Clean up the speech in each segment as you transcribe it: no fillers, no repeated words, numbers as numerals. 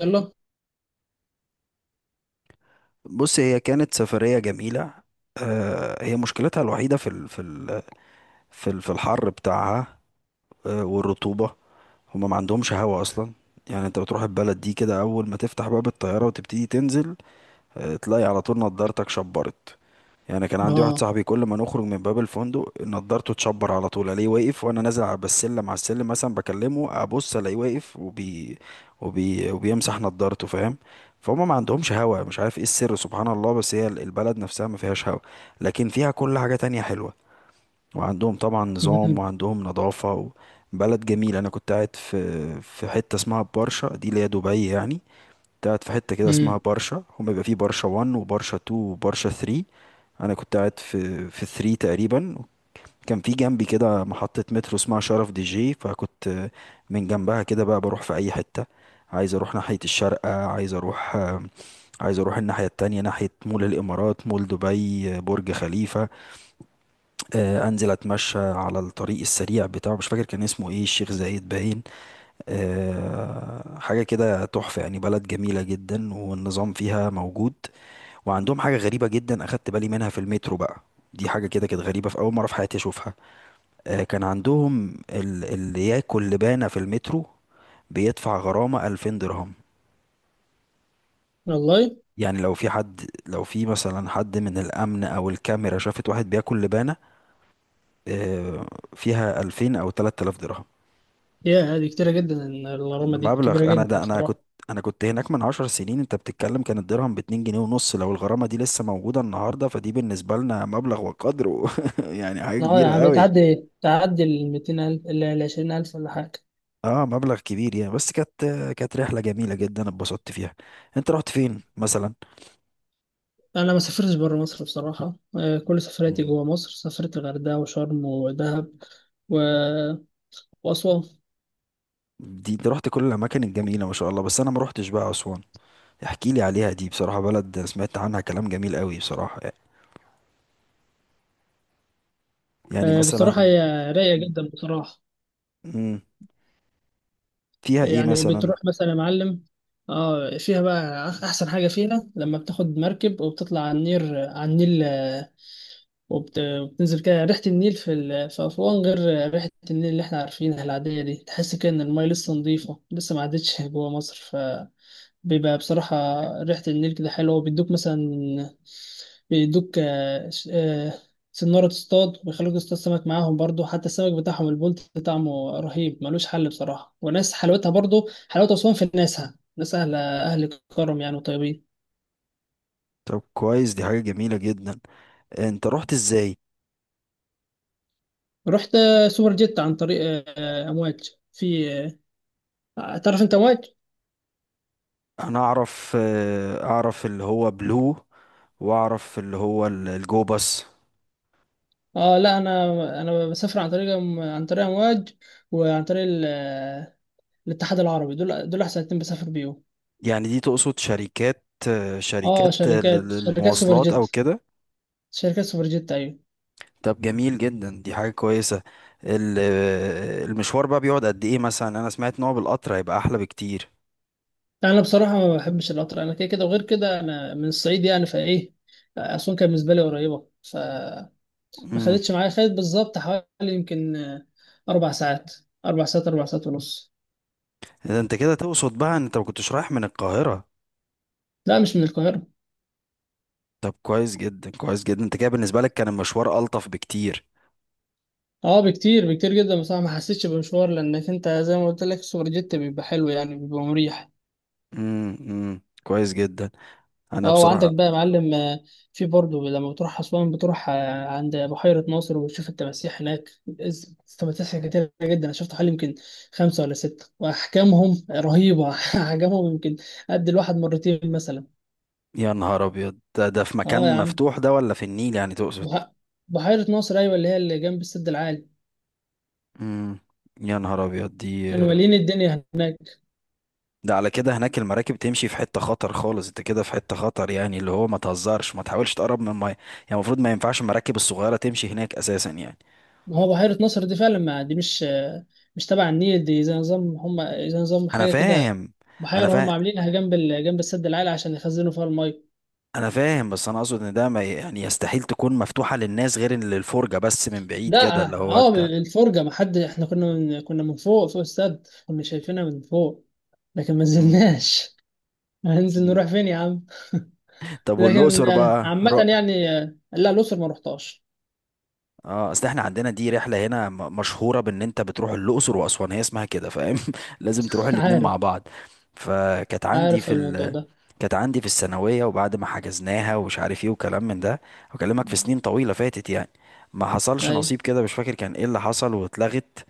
يلا. بص هي كانت سفرية جميلة. آه، هي مشكلتها الوحيدة في ال في الحر بتاعها. آه، والرطوبة. هما ما عندهمش هوا أصلا. يعني انت بتروح البلد دي كده أول ما تفتح باب الطيارة وتبتدي تنزل، آه، تلاقي على طول نضارتك شبرت. يعني كان عندي واحد اه. صاحبي كل ما نخرج من باب الفندق نضارته تشبر على طول، الاقيه واقف وانا نازل على السلم مثلا بكلمه ابص الاقيه واقف وبيمسح نضارته، فاهم؟ فهم ما عندهمش هوا، مش عارف ايه السر، سبحان الله، بس هي البلد نفسها ما فيهاش هوا. لكن فيها كل حاجة تانية حلوة. وعندهم طبعا نظام امم، وعندهم نظافة و-، بلد جميل. انا كنت قاعد في حتة اسمها برشا، دي اللي هي دبي يعني. كنت قاعد في حتة كده اسمها امم. برشا، هم بيبقى فيه برشا 1 وبرشا 2 وبرشا 3. انا كنت قاعد في 3 تقريبا. كان في جنبي كده محطة مترو اسمها شرف دي جي، فكنت من جنبها كده بقى بروح في اي حتة. عايز اروح ناحية الشارقة، عايز اروح الناحية التانية، ناحية مول الامارات، مول دبي، برج خليفة. آه، انزل اتمشى على الطريق السريع بتاعه، مش فاكر كان اسمه ايه، الشيخ زايد باين. آه، حاجه كده تحفه يعني، بلد جميله جدا والنظام فيها موجود. وعندهم حاجه غريبه جدا اخدت بالي منها في المترو بقى. دي حاجه كده كانت غريبه، في اول مره في حياتي اشوفها. آه، كان عندهم ال- اللي ياكل لبانه في المترو بيدفع غرامه 2000 درهم. والله. يعني لو في حد، لو في مثلا حد من الامن او الكاميرا شافت واحد بياكل لبانه، آه، فيها 2000 او 3000 درهم. يا هذه كتيرة جدا، الغرامة دي كبيرة مبلغ، انا جدا ده انا كنت بصراحة. انا كنت هناك من 10 سنين، انت بتتكلم كان الدرهم باتنين جنيه ونص. لو الغرامة دي لسه موجودة النهاردة فدي بالنسبة لنا مبلغ وقدره يعني حاجة اه يا كبيرة عم، قوي. تعدي ال 200,000 ال 20,000 ولا حاجة. اه مبلغ كبير يعني. بس كانت، كانت رحلة جميلة جدا اتبسطت فيها. انت رحت فين مثلا؟ انا ما سافرتش بره مصر بصراحة. كل سفرياتي مم. جوه مصر، سافرت الغردقة وشرم ودهب و... وأسوان. دي انت رحت كل الاماكن الجميلة ما شاء الله، بس انا ما رحتش بقى اسوان. احكي لي عليها، دي بصراحة بلد سمعت عنها كلام جميل قوي بصراحة. يعني بصراحة مثلا. هي رايقة جدا بصراحة. مم، فيها ايه يعني مثلا؟ بتروح مثلا يا معلم. اه، فيها بقى أحسن حاجة فيها لما بتاخد مركب وبتطلع على النيل وبتنزل كده ريحة النيل في أسوان غير ريحة النيل اللي احنا عارفينها العادية دي. تحس كده إن المية لسه نظيفة، لسه ما عدتش جوا مصر. فبيبقى بصراحة ريحة النيل كده حلوة. وبيدوك مثلا، بيدوك سنارة تصطاد، وبيخلوك تصطاد سمك معاهم برضو. حتى السمك بتاعهم البولت طعمه رهيب، ملوش حل بصراحة. وناس حلاوتها برضو، حلاوة أسوان في ناسها، ناس أهل كرم يعني وطيبين. طب كويس، دي حاجة جميلة جدا. انت رحت ازاي؟ رحت سوبر جيت عن طريق أمواج. في، تعرف انت امواج؟ انا اعرف، آه، اعرف اللي هو بلو، واعرف اللي هو ال- الجو باص. اه لا، انا بسافر عن طريق امواج. وعن طريق ال- الاتحاد العربي، دول احسن اتنين بسافر بيهم. يعني دي تقصد شركات، آه، اه شركات ال- شركات سوبر المواصلات او جيت، كده؟ شركات سوبر جيت ايوه. طب جميل جدا، دي حاجة كويسة. ال- آه، المشوار بقى بيقعد قد ايه مثلا؟ انا سمعت ان هو بالقطر هيبقى احلى بكتير. انا بصراحه ما بحبش القطر، انا كده كده، وغير كده انا من الصعيد يعني. فايه اسوان كانت بالنسبه لي قريبه، فما امم. خدتش معايا. خدت بالظبط حوالي يمكن اربع ساعات اربع ساعات ونص. ده انت كده تقصد بقى ان انت ما كنتش رايح من القاهرة؟ لا مش من القاهره. طب كويس جدا، كويس جدا، انت كده بالنسبة لك كان المشوار ألطف بكتير. اه بكتير، بكتير جدا بصراحه. ما حسيتش بمشوار، لانك انت زي ما قلت لك السوبر جيت بيبقى حلو، يعني بيبقى مريح. امم كويس جدا. انا اه وعندك بصراحة. بقى يا معلم. في برضه لما بتروح اسوان بتروح عند بحيره ناصر وبتشوف التماسيح هناك. التماسيح كتير جدا، انا شفت حوالي يمكن خمسه ولا سته، واحجامهم رهيبه احجامهم يمكن قد الواحد مرتين مثلا. يا نهار ابيض، ده في اه يا مكان عم، مفتوح ده ولا في النيل يعني تقصد؟ بح- بحيره ناصر ايوه، اللي هي اللي جنب السد العالي. امم. يا نهار ابيض دي. كانوا مالين الدنيا هناك. ده على كده هناك المراكب تمشي في حتة خطر خالص، انت كده في حتة خطر، يعني اللي هو ما تهزرش ما تحاولش تقرب من المية يعني. المفروض ما ينفعش المراكب الصغيرة تمشي هناك اساسا يعني. ما هو بحيرة ناصر دي فعلا، ما دي مش تبع النيل، دي زي نظام هم، زي نظام انا حاجة كده. فاهم. انا بحيرة هم فاهم عاملينها جنب جنب السد العالي عشان يخزنوا فيها المية. انا فاهم بس انا اقصد ان ده ما ي- يعني يستحيل تكون مفتوحة للناس، غير للفرجة بس من بعيد ده كده اللي هو اه، انت. الفرجة ما حد، احنا كنا من فوق، فوق السد، كنا شايفينها من فوق، لكن ما امم. نزلناش. هننزل أمم. نروح فين يا عم؟ طب لكن والأقصر بقى عامة رحت؟ يعني. لا، الأقصر ما رحتهاش. اه اصل احنا عندنا دي رحله هنا م- مشهوره بان انت بتروح الاقصر واسوان، هي اسمها كده، فاهم؟ لازم تروح الاتنين عارف، مع بعض. فكانت عندي عارف في الموضوع ال...، ده. كانت عندي في الثانويه وبعد ما حجزناها ومش عارف ايه وكلام من ده، بكلمك في سنين طويله فاتت يعني، ما حصلش أيوة. نصيب كده. مش فاكر كان ايه اللي حصل واتلغت.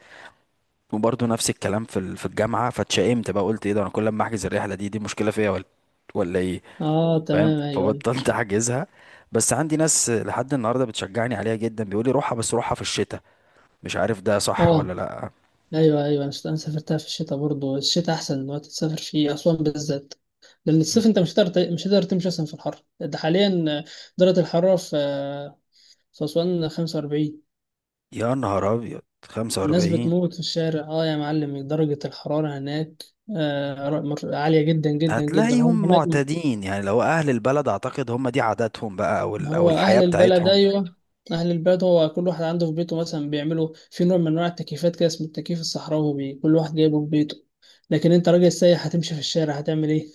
وبرضه نفس الكلام في ال... في الجامعه، فاتشائمت بقى. قلت ايه ده، انا كل ما احجز الرحله دي مشكله فيا ولا ولا ايه؟ اه فاهم، تمام، ايوه ايوه. فبطلت احجزها. بس عندي ناس لحد النهارده بتشجعني عليها جدا، بيقولي روحها بس روحها في الشتاء. مش عارف ده صح ولا اه لأ. ايوه، ايوه. انا سافرتها في الشتاء برضه. الشتاء احسن وقت تسافر فيه اسوان بالذات، لان الصيف مم. انت مش هتقدر تمشي اصلا في الحر ده حاليا. درجه الحراره في اسوان 45. يا نهار أبيض، الناس 45! بتموت في الشارع. اه يا معلم، درجه الحراره هناك عاليه جدا جدا جدا. هم هتلاقيهم هناك معتادين يعني، لو أهل البلد أعتقد هم دي عاداتهم بقى أو ما ال- أو هو الحياة اهل البلد، بتاعتهم. ايوه. اهل البلد هو كل واحد عنده في بيته مثلا بيعملوا في نوع من انواع التكييفات كده، اسمه التكييف الصحراوي، كل واحد جايبه في بيته. لكن انت راجل سايح هتمشي في الشارع هتعمل إيه؟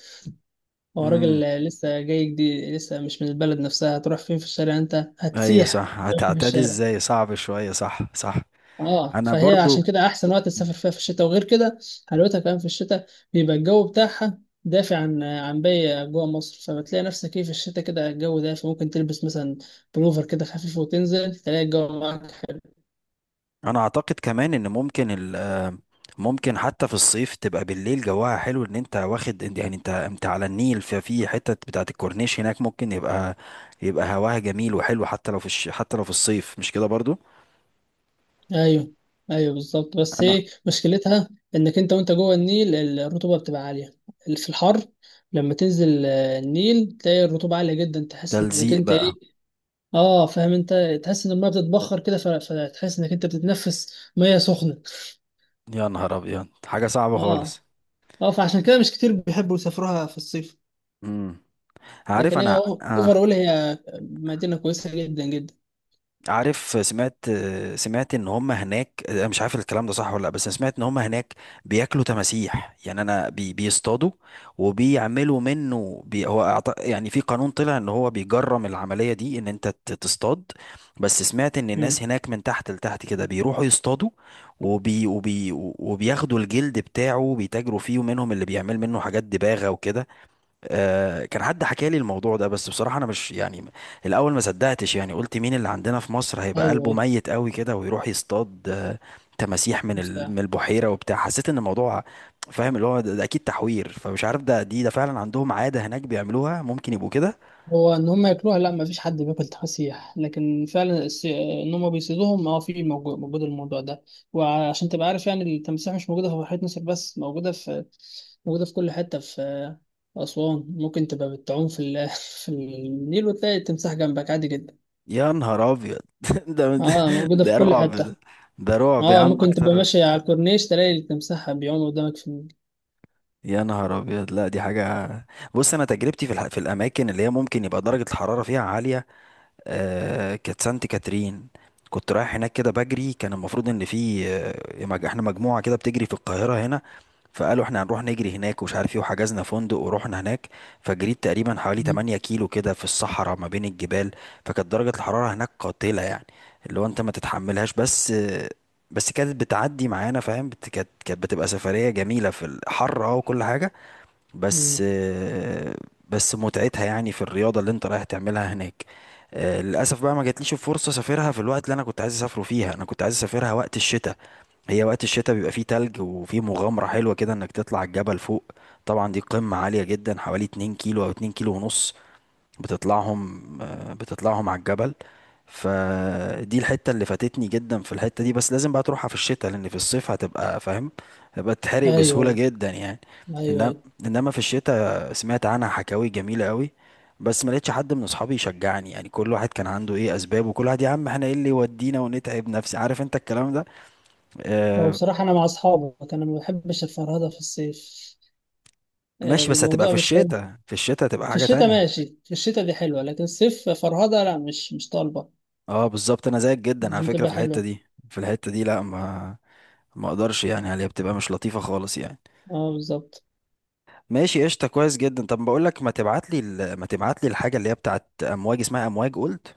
هو راجل امم. لسه جاي جديد، لسه مش من البلد نفسها، هتروح فين في الشارع؟ انت أيوة هتسيح صح، ماشي في هتعتادي الشارع. إزاي، صعب شوية، صح صح. اه أنا فهي عشان برضو. كده احسن وقت تسافر مم. فيها في الشتاء. وغير كده، حلاوتها كمان في الشتاء، بيبقى الجو بتاعها دافع عن باقي جوه مصر. فبتلاقي نفسك ايه في الشتاء، كده الجو دافي، ممكن تلبس مثلا بلوفر كده خفيف، وتنزل تلاقي الجو معاك. أنا أعتقد كمان إن ممكن ال...، ممكن حتى في الصيف تبقى بالليل جواها حلو، إن أنت واخد يعني أنت على النيل، ففي حتة بتاعة الكورنيش هناك ممكن يبقى هواها جميل وحلو حتى لو في الش... حتى لو في الصيف، مش كده برضو؟ ايوه، ايوه بالظبط. بس انا ايه مشكلتها؟ انك انت وانت جوه النيل الرطوبه بتبقى عاليه في الحر. لما تنزل النيل تلاقي الرطوبه عاليه جدا، تحس انك تلزيق انت بقى. ايه. اه فاهم انت. تحس ان الميه بتتبخر كده، فتحس انك انت بتتنفس ميه سخنه. يا نهار ابيض، حاجه صعبه اه. خالص. اه، فعشان كده مش كتير بيحبوا يسافروها في الصيف. امم. عارف لكن هي انا، آه. اوفر اول، هي مدينه كويسه جدا جدا. عارف سمعت، آه، سمعت ان هم هناك، انا مش عارف الكلام ده صح ولا لا، بس أنا سمعت ان هم هناك بياكلوا تماسيح يعني، انا بي بيصطادوا وبيعملوا منه بي هو أعط- يعني في قانون طلع ان هو بيجرم العمليه دي، ان انت ت- تصطاد، بس سمعت ان الناس امم. هناك من تحت لتحت كده بيروحوا يصطادوا وبياخدوا الجلد بتاعه بيتاجروا فيه، ومنهم اللي بيعمل منه حاجات دباغه وكده. آه، كان حد حكى لي الموضوع ده، بس بصراحة أنا مش يعني، الأول ما صدقتش يعني، قلت مين اللي عندنا في مصر هيبقى قلبه ايوه، ميت قوي كده ويروح يصطاد، آه، تماسيح من ال- ايوه. من البحيرة وبتاع، حسيت إن الموضوع، فاهم اللي هو ده, ده أكيد تحوير، فمش عارف ده دي ده فعلا عندهم عادة هناك بيعملوها ممكن يبقوا كده. هو ان هم ياكلوها؟ لا، ما فيش حد بياكل تفاسيح. لكن فعلا ان هم بيصيدوهم، اه، في موجود الموضوع ده. وعشان تبقى عارف يعني، التمساح مش موجوده في بحيره ناصر بس، موجوده في كل حته في اسوان. ممكن تبقى بتعوم في النيل وتلاقي التمساح جنبك عادي جدا. يا نهار أبيض ده. اه، موجوده في ده كل رعب حته. ده. ده رعب يا اه عم ممكن تبقى أكتر. ماشي على الكورنيش تلاقي التمساح بيعوم قدامك في النيل. يا نهار أبيض لا، دي حاجة. بص أنا تجربتي في الح- في الأماكن اللي هي ممكن يبقى درجة الحرارة فيها عالية، آه كانت سانت كاترين. كنت رايح هناك كده بجري، كان المفروض ان في، آه، مج- احنا مجموعة كده بتجري في القاهرة هنا، فقالوا احنا هنروح نجري هناك ومش عارف ايه، وحجزنا فندق ورحنا هناك. فجريت تقريبا حوالي مم. 8 كيلو كده في الصحراء ما بين الجبال. فكانت درجة الحرارة هناك قاتلة يعني، اللي هو انت ما تتحملهاش، بس آه، بس كانت بتعدي معانا، فاهم؟ بت- كانت بتبقى سفرية جميلة في الحر اه وكل حاجة. بس مم. آه، بس متعتها يعني في الرياضة اللي انت رايح تعملها هناك. آه، للأسف بقى ما جاتليش الفرصة أسافرها في الوقت اللي أنا كنت عايز أسافره فيها، أنا كنت عايز أسافرها وقت الشتاء. هي وقت الشتاء بيبقى فيه تلج وفيه مغامرة حلوة كده إنك تطلع الجبل فوق. طبعا دي قمة عالية جدا، حوالي 2 كيلو أو 2 كيلو ونص بتطلعهم، آه، بتطلعهم على الجبل. فدي الحتة اللي فاتتني جدا، في الحتة دي بس لازم بقى تروحها في الشتاء، لأن في الصيف هتبقى فاهم، هتبقى تحرق ايوه، بسهولة جدا يعني. ايوه. ايوه، إنما، ايوه. إنما في الشتاء سمعت عنها حكاوي جميلة قوي، بس ما لقيتش حد من أصحابي يشجعني يعني، كل واحد كان عنده إيه أسباب، وكل واحد يا عم إحنا إيه اللي يودينا ونتعب نفسي، عارف أنت الكلام ده. هو آه. بصراحه، انا مع اصحابك، انا ما بحبش الفرهده في الصيف. ماشي بس هتبقى في الموضوع مش حلو. الشتاء، في الشتاء هتبقى في حاجة الشتاء تانية. ماشي، في الشتاء دي حلوة. لكن الصيف فرهدة لا، مش طالبة. اه بالظبط، أنا زيك جدا مش على فكرة بتبقى في الحتة حلوة. دي، في الحتة دي لا، ما ما اقدرش يعني عليها، بتبقى مش لطيفة خالص يعني. اه بالظبط. ماشي، قشطة، كويس جدا. طب بقول لك، ما تبعت لي الحاجة اللي هي بتاعت امواج، اسمها امواج قلت،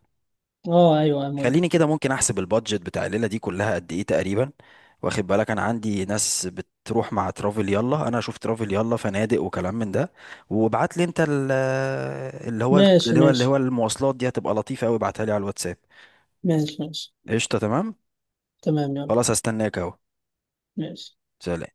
اه ايوه يا موافق. خليني كده ممكن احسب البادجت بتاع الليلة دي كلها قد ايه تقريبا. واخد بالك انا عندي ناس بتروح مع ترافل يلا، انا اشوف ترافل يلا فنادق وكلام من ده. وابعت لي انت ال- اللي هو ماشي، اللي هو ماشي. المواصلات دي هتبقى لطيفة قوي، ابعتها لي على الواتساب. ماشي، ماشي. قشطة تمام. تمام يلا. خلاص هستناك اهو. ماشي. سلام.